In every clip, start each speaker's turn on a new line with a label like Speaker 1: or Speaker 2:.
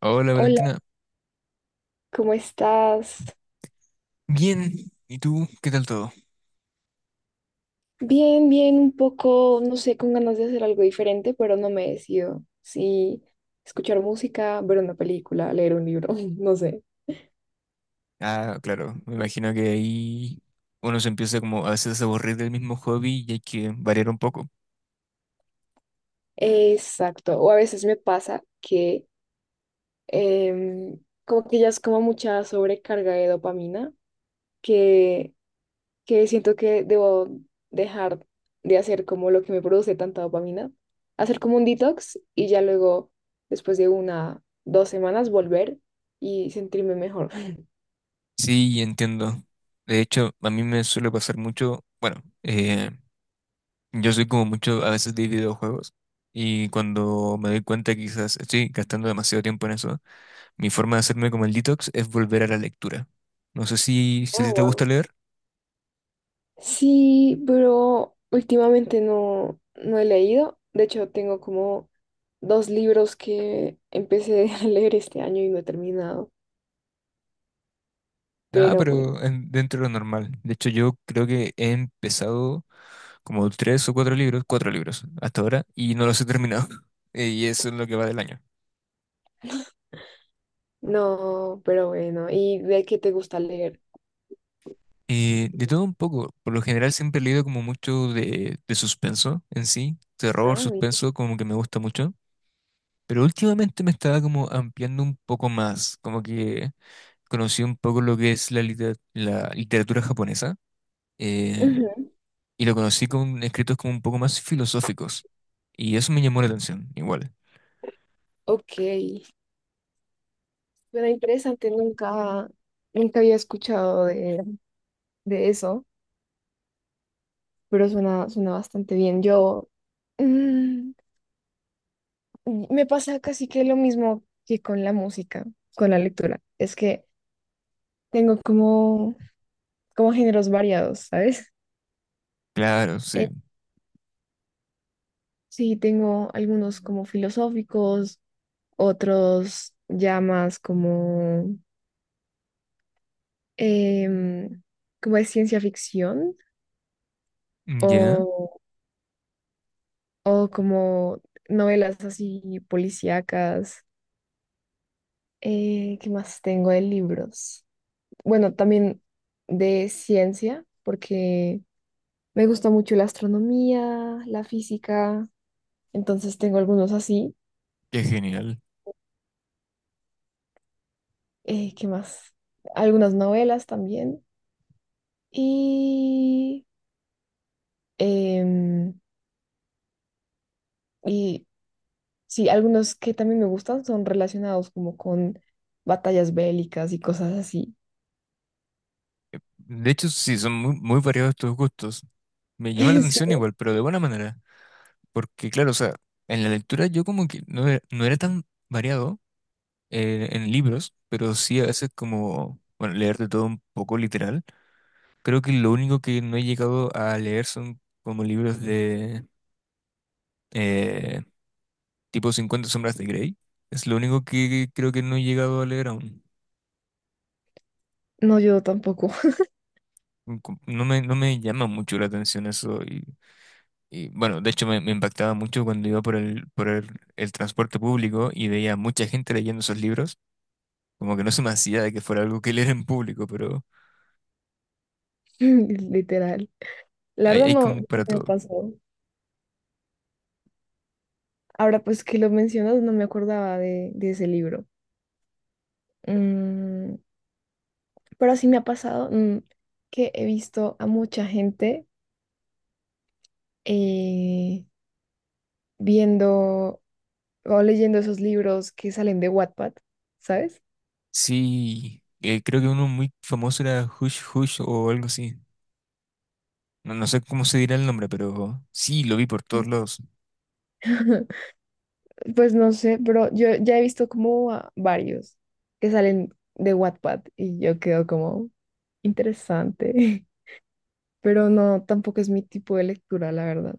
Speaker 1: Hola
Speaker 2: Hola,
Speaker 1: Valentina,
Speaker 2: ¿cómo estás?
Speaker 1: bien, ¿y tú? ¿Qué tal todo?
Speaker 2: Bien, bien, un poco, no sé, con ganas de hacer algo diferente, pero no me decido. Sí, escuchar música, ver una película, leer un libro, no sé.
Speaker 1: Ah, claro, me imagino que ahí uno se empieza como a veces a aburrir del mismo hobby y hay que variar un poco.
Speaker 2: Exacto, o a veces me pasa que em, como que ya es como mucha sobrecarga de dopamina, que que siento que debo dejar de hacer como lo que me produce tanta dopamina, hacer como un detox y ya luego, después de una, dos semanas, volver y sentirme mejor.
Speaker 1: Sí, entiendo. De hecho, a mí me suele pasar mucho, bueno, yo soy como mucho a veces de videojuegos y cuando me doy cuenta que quizás estoy gastando demasiado tiempo en eso, mi forma de hacerme como el detox es volver a la lectura. No sé si a
Speaker 2: Guau,
Speaker 1: ti te gusta
Speaker 2: guau.
Speaker 1: leer.
Speaker 2: Sí, pero últimamente no, no he leído. De hecho, tengo como dos libros que empecé a leer este año y no he terminado.
Speaker 1: Nada,
Speaker 2: Pero bueno,
Speaker 1: pero dentro de lo normal. De hecho, yo creo que he empezado como tres o cuatro libros hasta ahora, y no los he terminado. Y eso es lo que va del año.
Speaker 2: no, pero bueno. ¿Y de qué te gusta leer?
Speaker 1: De todo un poco, por lo general siempre he leído como mucho de suspenso en sí, terror,
Speaker 2: Ah, mira.
Speaker 1: suspenso, como que me gusta mucho, pero últimamente me estaba como ampliando un poco más, como que conocí un poco lo que es la literatura japonesa, eh,
Speaker 2: Ujú.
Speaker 1: y lo conocí con escritos como un poco más filosóficos, y eso me llamó la atención, igual.
Speaker 2: Ok. Suena interesante, nunca, nunca había escuchado de eso, pero suena, suena bastante bien. Yo mm, me pasa casi que lo mismo que con la música, con la lectura. Es que tengo como, como géneros variados, ¿sabes?
Speaker 1: Claro,
Speaker 2: Eh,
Speaker 1: sí.
Speaker 2: sí, tengo algunos como filosóficos, otros ya más como, em, como de ciencia ficción
Speaker 1: Ya,
Speaker 2: o como novelas así policíacas. ¿Qué más tengo de libros? Bueno, también de ciencia, porque me gusta mucho la astronomía, la física, entonces tengo algunos así.
Speaker 1: qué genial.
Speaker 2: ¿Qué más? Algunas novelas también. Y, em, y sí, algunos que también me gustan son relacionados como con batallas bélicas y cosas así.
Speaker 1: De hecho, sí, son muy, muy variados tus gustos. Me llama la atención
Speaker 2: Sí.
Speaker 1: igual, pero de buena manera. Porque, claro, o sea, en la lectura yo como que no era tan variado, en libros, pero sí a veces como, bueno, leer de todo un poco literal. Creo que lo único que no he llegado a leer son como libros de eh, tipo Cincuenta sombras de Grey. Es lo único que creo que no he llegado a leer aún.
Speaker 2: No, yo tampoco.
Speaker 1: No me, no me llama mucho la atención eso. Y bueno, de hecho me impactaba mucho cuando iba por el transporte público y veía mucha gente leyendo esos libros, como que no se me hacía de que fuera algo que leer en público, pero
Speaker 2: Literal. La
Speaker 1: hay,
Speaker 2: verdad
Speaker 1: hay
Speaker 2: no,
Speaker 1: como
Speaker 2: no
Speaker 1: para
Speaker 2: me
Speaker 1: todo.
Speaker 2: pasó. Ahora pues que lo mencionas, no me acordaba de ese libro. Mm, pero sí me ha pasado que he visto a mucha gente eh, viendo o leyendo esos libros que salen de Wattpad, ¿sabes?
Speaker 1: Sí, creo que uno muy famoso era Hush Hush o algo así. No, no sé cómo se dirá el nombre, pero sí, lo vi por todos
Speaker 2: Mm.
Speaker 1: lados.
Speaker 2: Pues no sé, pero yo ya he visto como a varios que salen de Wattpad y yo quedo como interesante, pero no, tampoco es mi tipo de lectura, la verdad.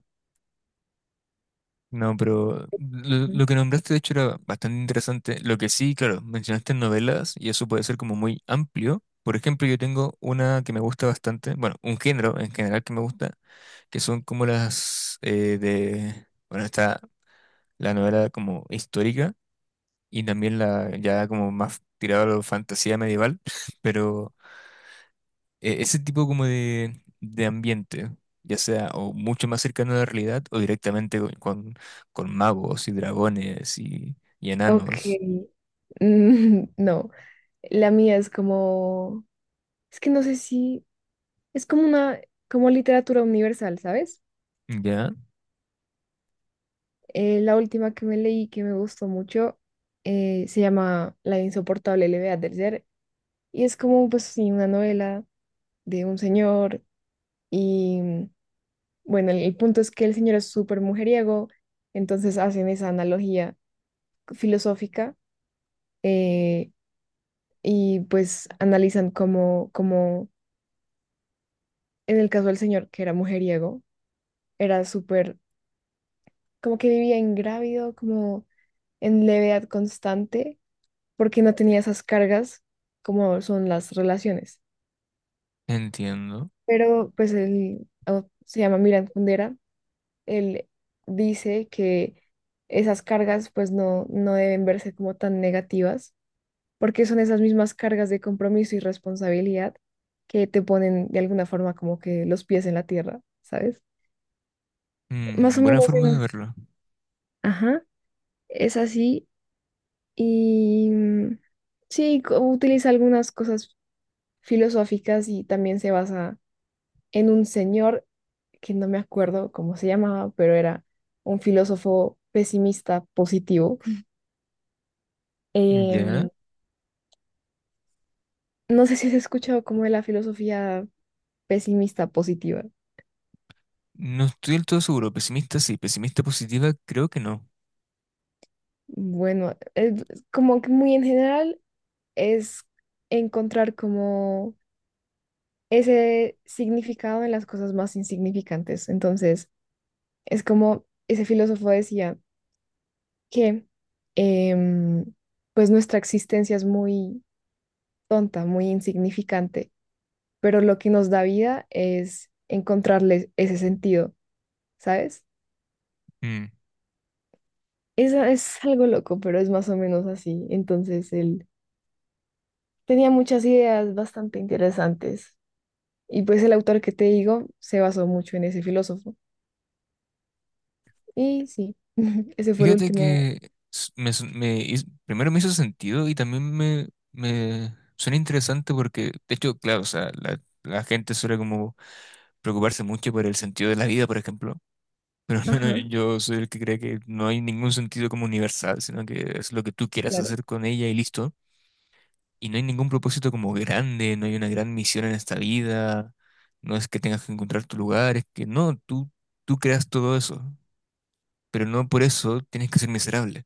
Speaker 1: No, pero lo,
Speaker 2: Mm.
Speaker 1: lo que nombraste de hecho era bastante interesante. Lo que sí, claro, mencionaste novelas y eso puede ser como muy amplio. Por ejemplo, yo tengo una que me gusta bastante, bueno, un género en general que me gusta, que son como las bueno, está la novela como histórica y también la ya como más tirada a la fantasía medieval, pero ese tipo como de ambiente, ya sea o mucho más cercano a la realidad o directamente con magos y dragones y
Speaker 2: Ok,
Speaker 1: enanos.
Speaker 2: mm, no, la mía es como, es que no sé si, es como una, como literatura universal, ¿sabes?
Speaker 1: Ya,
Speaker 2: La última que me leí que me gustó mucho se llama La insoportable levedad del ser. Y es como, pues sí, una novela de un señor y bueno, el punto es que el señor es súper mujeriego, entonces hacen esa analogía filosófica eh, y pues analizan cómo, cómo en el caso del señor que era mujeriego, era súper, como que vivía ingrávido, como en levedad constante, porque no tenía esas cargas como son las relaciones.
Speaker 1: entiendo.
Speaker 2: Pero pues él oh, se llama Miran Kundera. Él dice que esas cargas pues no, no deben verse como tan negativas, porque son esas mismas cargas de compromiso y responsabilidad que te ponen de alguna forma como que los pies en la tierra, ¿sabes? Más
Speaker 1: Mm,
Speaker 2: o
Speaker 1: buena
Speaker 2: menos
Speaker 1: forma de
Speaker 2: es.
Speaker 1: verlo.
Speaker 2: Ajá, es así y mm, sí, co- utiliza algunas cosas filosóficas y también se basa en un señor que no me acuerdo cómo se llamaba, pero era un filósofo pesimista positivo.
Speaker 1: Ya,
Speaker 2: No sé si has escuchado como de la filosofía pesimista positiva.
Speaker 1: no estoy del todo seguro. Pesimista sí, pesimista positiva creo que no.
Speaker 2: Bueno, es como que muy en general es encontrar como ese significado en las cosas más insignificantes. Entonces, es como ese filósofo decía que em, pues nuestra existencia es muy tonta, muy insignificante, pero lo que nos da vida es encontrarle ese sentido, ¿sabes?
Speaker 1: Mm.
Speaker 2: Es algo loco, pero es más o menos así. Entonces, él tenía muchas ideas bastante interesantes. Y pues el autor que te digo se basó mucho en ese filósofo. Y sí, ese fue el
Speaker 1: Fíjate
Speaker 2: último.
Speaker 1: que s- me, su- me hiz- primero me hizo sentido y también me suena interesante porque, de hecho, claro, o sea, la gente suele como preocuparse mucho por el sentido de la vida, por ejemplo. Pero al menos
Speaker 2: Ajá,
Speaker 1: yo soy el que cree que no hay ningún sentido como universal, sino que es lo que tú quieras
Speaker 2: claro.
Speaker 1: hacer con ella y listo. Y no hay ningún propósito como grande, no hay una gran misión en esta vida, no es que tengas que encontrar tu lugar, es que no, tú creas todo eso, pero no por eso tienes que ser miserable.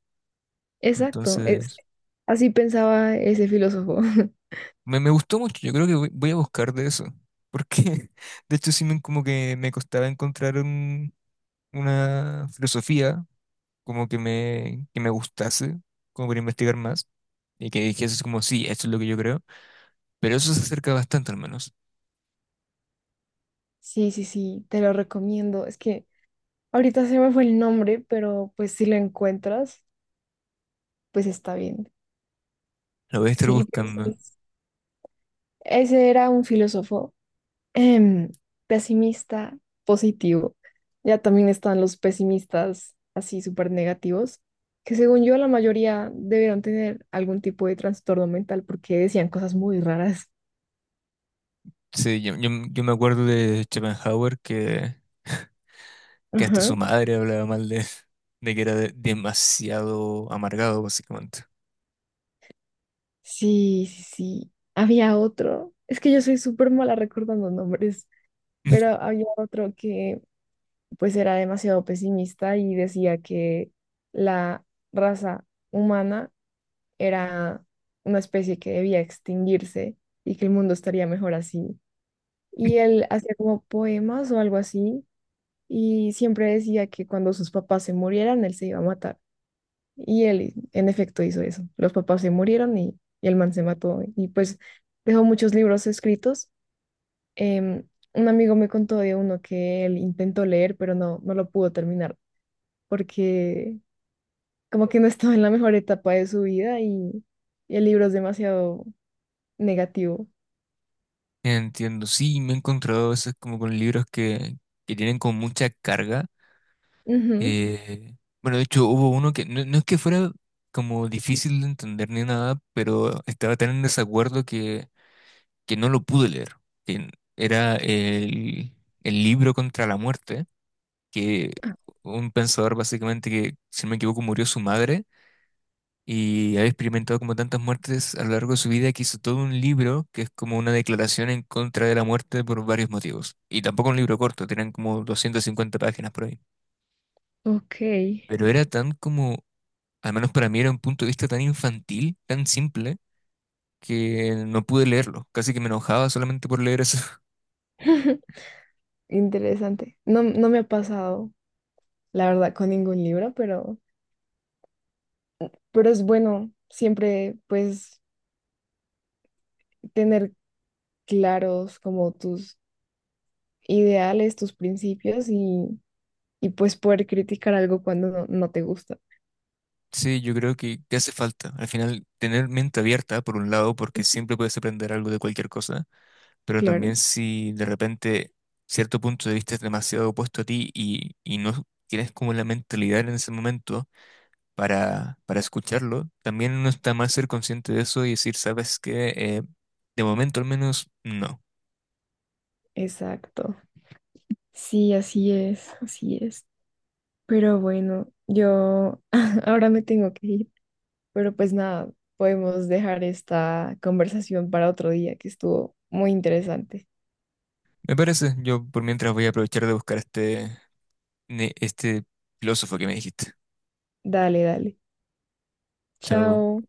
Speaker 2: Exacto, es,
Speaker 1: Entonces,
Speaker 2: así pensaba ese filósofo.
Speaker 1: me gustó mucho, yo creo que voy a buscar de eso, porque de hecho sí me, como que me costaba encontrar una filosofía como que que me gustase, como para investigar más, y que dijese así como, sí, esto es lo que yo creo, pero eso se acerca bastante al menos,
Speaker 2: Sí, sí, sí, te lo recomiendo. Es que ahorita se me fue el nombre, pero pues si lo encuentras, pues está bien.
Speaker 1: lo voy a estar
Speaker 2: Sí, pues
Speaker 1: buscando.
Speaker 2: es- ese era un filósofo em, pesimista, positivo. Ya también están los pesimistas así súper negativos, que según yo la mayoría debieron tener algún tipo de trastorno mental porque decían cosas muy raras.
Speaker 1: Sí, yo me acuerdo de Schopenhauer que hasta su
Speaker 2: Ajá.
Speaker 1: madre hablaba mal de que era demasiado amargado, básicamente.
Speaker 2: Sí, sí, sí. Había otro. Es que yo soy súper mala recordando nombres, pero había otro que pues era demasiado pesimista y decía que la raza humana era una especie que debía extinguirse y que el mundo estaría mejor así. Y él hacía como poemas o algo así y siempre decía que cuando sus papás se murieran, él se iba a matar. Y él, en efecto, hizo eso. Los papás se murieron y el man se mató. Y pues dejó muchos libros escritos. Em, un amigo me contó de uno que él intentó leer, pero no, no lo pudo terminar porque como que no estaba en la mejor etapa de su vida y el libro es demasiado negativo.
Speaker 1: Entiendo, sí, me he encontrado a veces como con libros que tienen como mucha carga.
Speaker 2: Ujú.
Speaker 1: Eh, bueno, de hecho hubo uno que no, no es que fuera como difícil de entender ni nada, pero estaba tan en desacuerdo que no lo pude leer. Que era el libro contra la muerte, que un pensador básicamente que, si no me equivoco, murió su madre y había experimentado como tantas muertes a lo largo de su vida que hizo todo un libro que es como una declaración en contra de la muerte por varios motivos. Y tampoco un libro corto, tenían como 250 páginas por ahí.
Speaker 2: Ok,
Speaker 1: Pero era tan como, al menos para mí era un punto de vista tan infantil, tan simple, que no pude leerlo. Casi que me enojaba solamente por leer eso.
Speaker 2: interesante. No, no me ha pasado, la verdad, con ningún libro, pero es bueno siempre, pues, tener claros como tus ideales, tus principios y pues poder criticar algo cuando no, no te gusta.
Speaker 1: Sí, yo creo que hace falta. Al final, tener mente abierta, por un lado, porque siempre puedes aprender algo de cualquier cosa, pero
Speaker 2: Claro,
Speaker 1: también si de repente cierto punto de vista es demasiado opuesto a ti y no tienes como la mentalidad en ese momento para escucharlo, también no está mal ser consciente de eso y decir, ¿sabes qué? De momento al menos no.
Speaker 2: exacto. Sí, así es, así es. Pero bueno, yo ahora me tengo que ir, pero pues nada, podemos dejar esta conversación para otro día que estuvo muy interesante.
Speaker 1: Me parece, yo por mientras voy a aprovechar de buscar este filósofo que me dijiste.
Speaker 2: Dale, dale.
Speaker 1: Chao.
Speaker 2: Chao.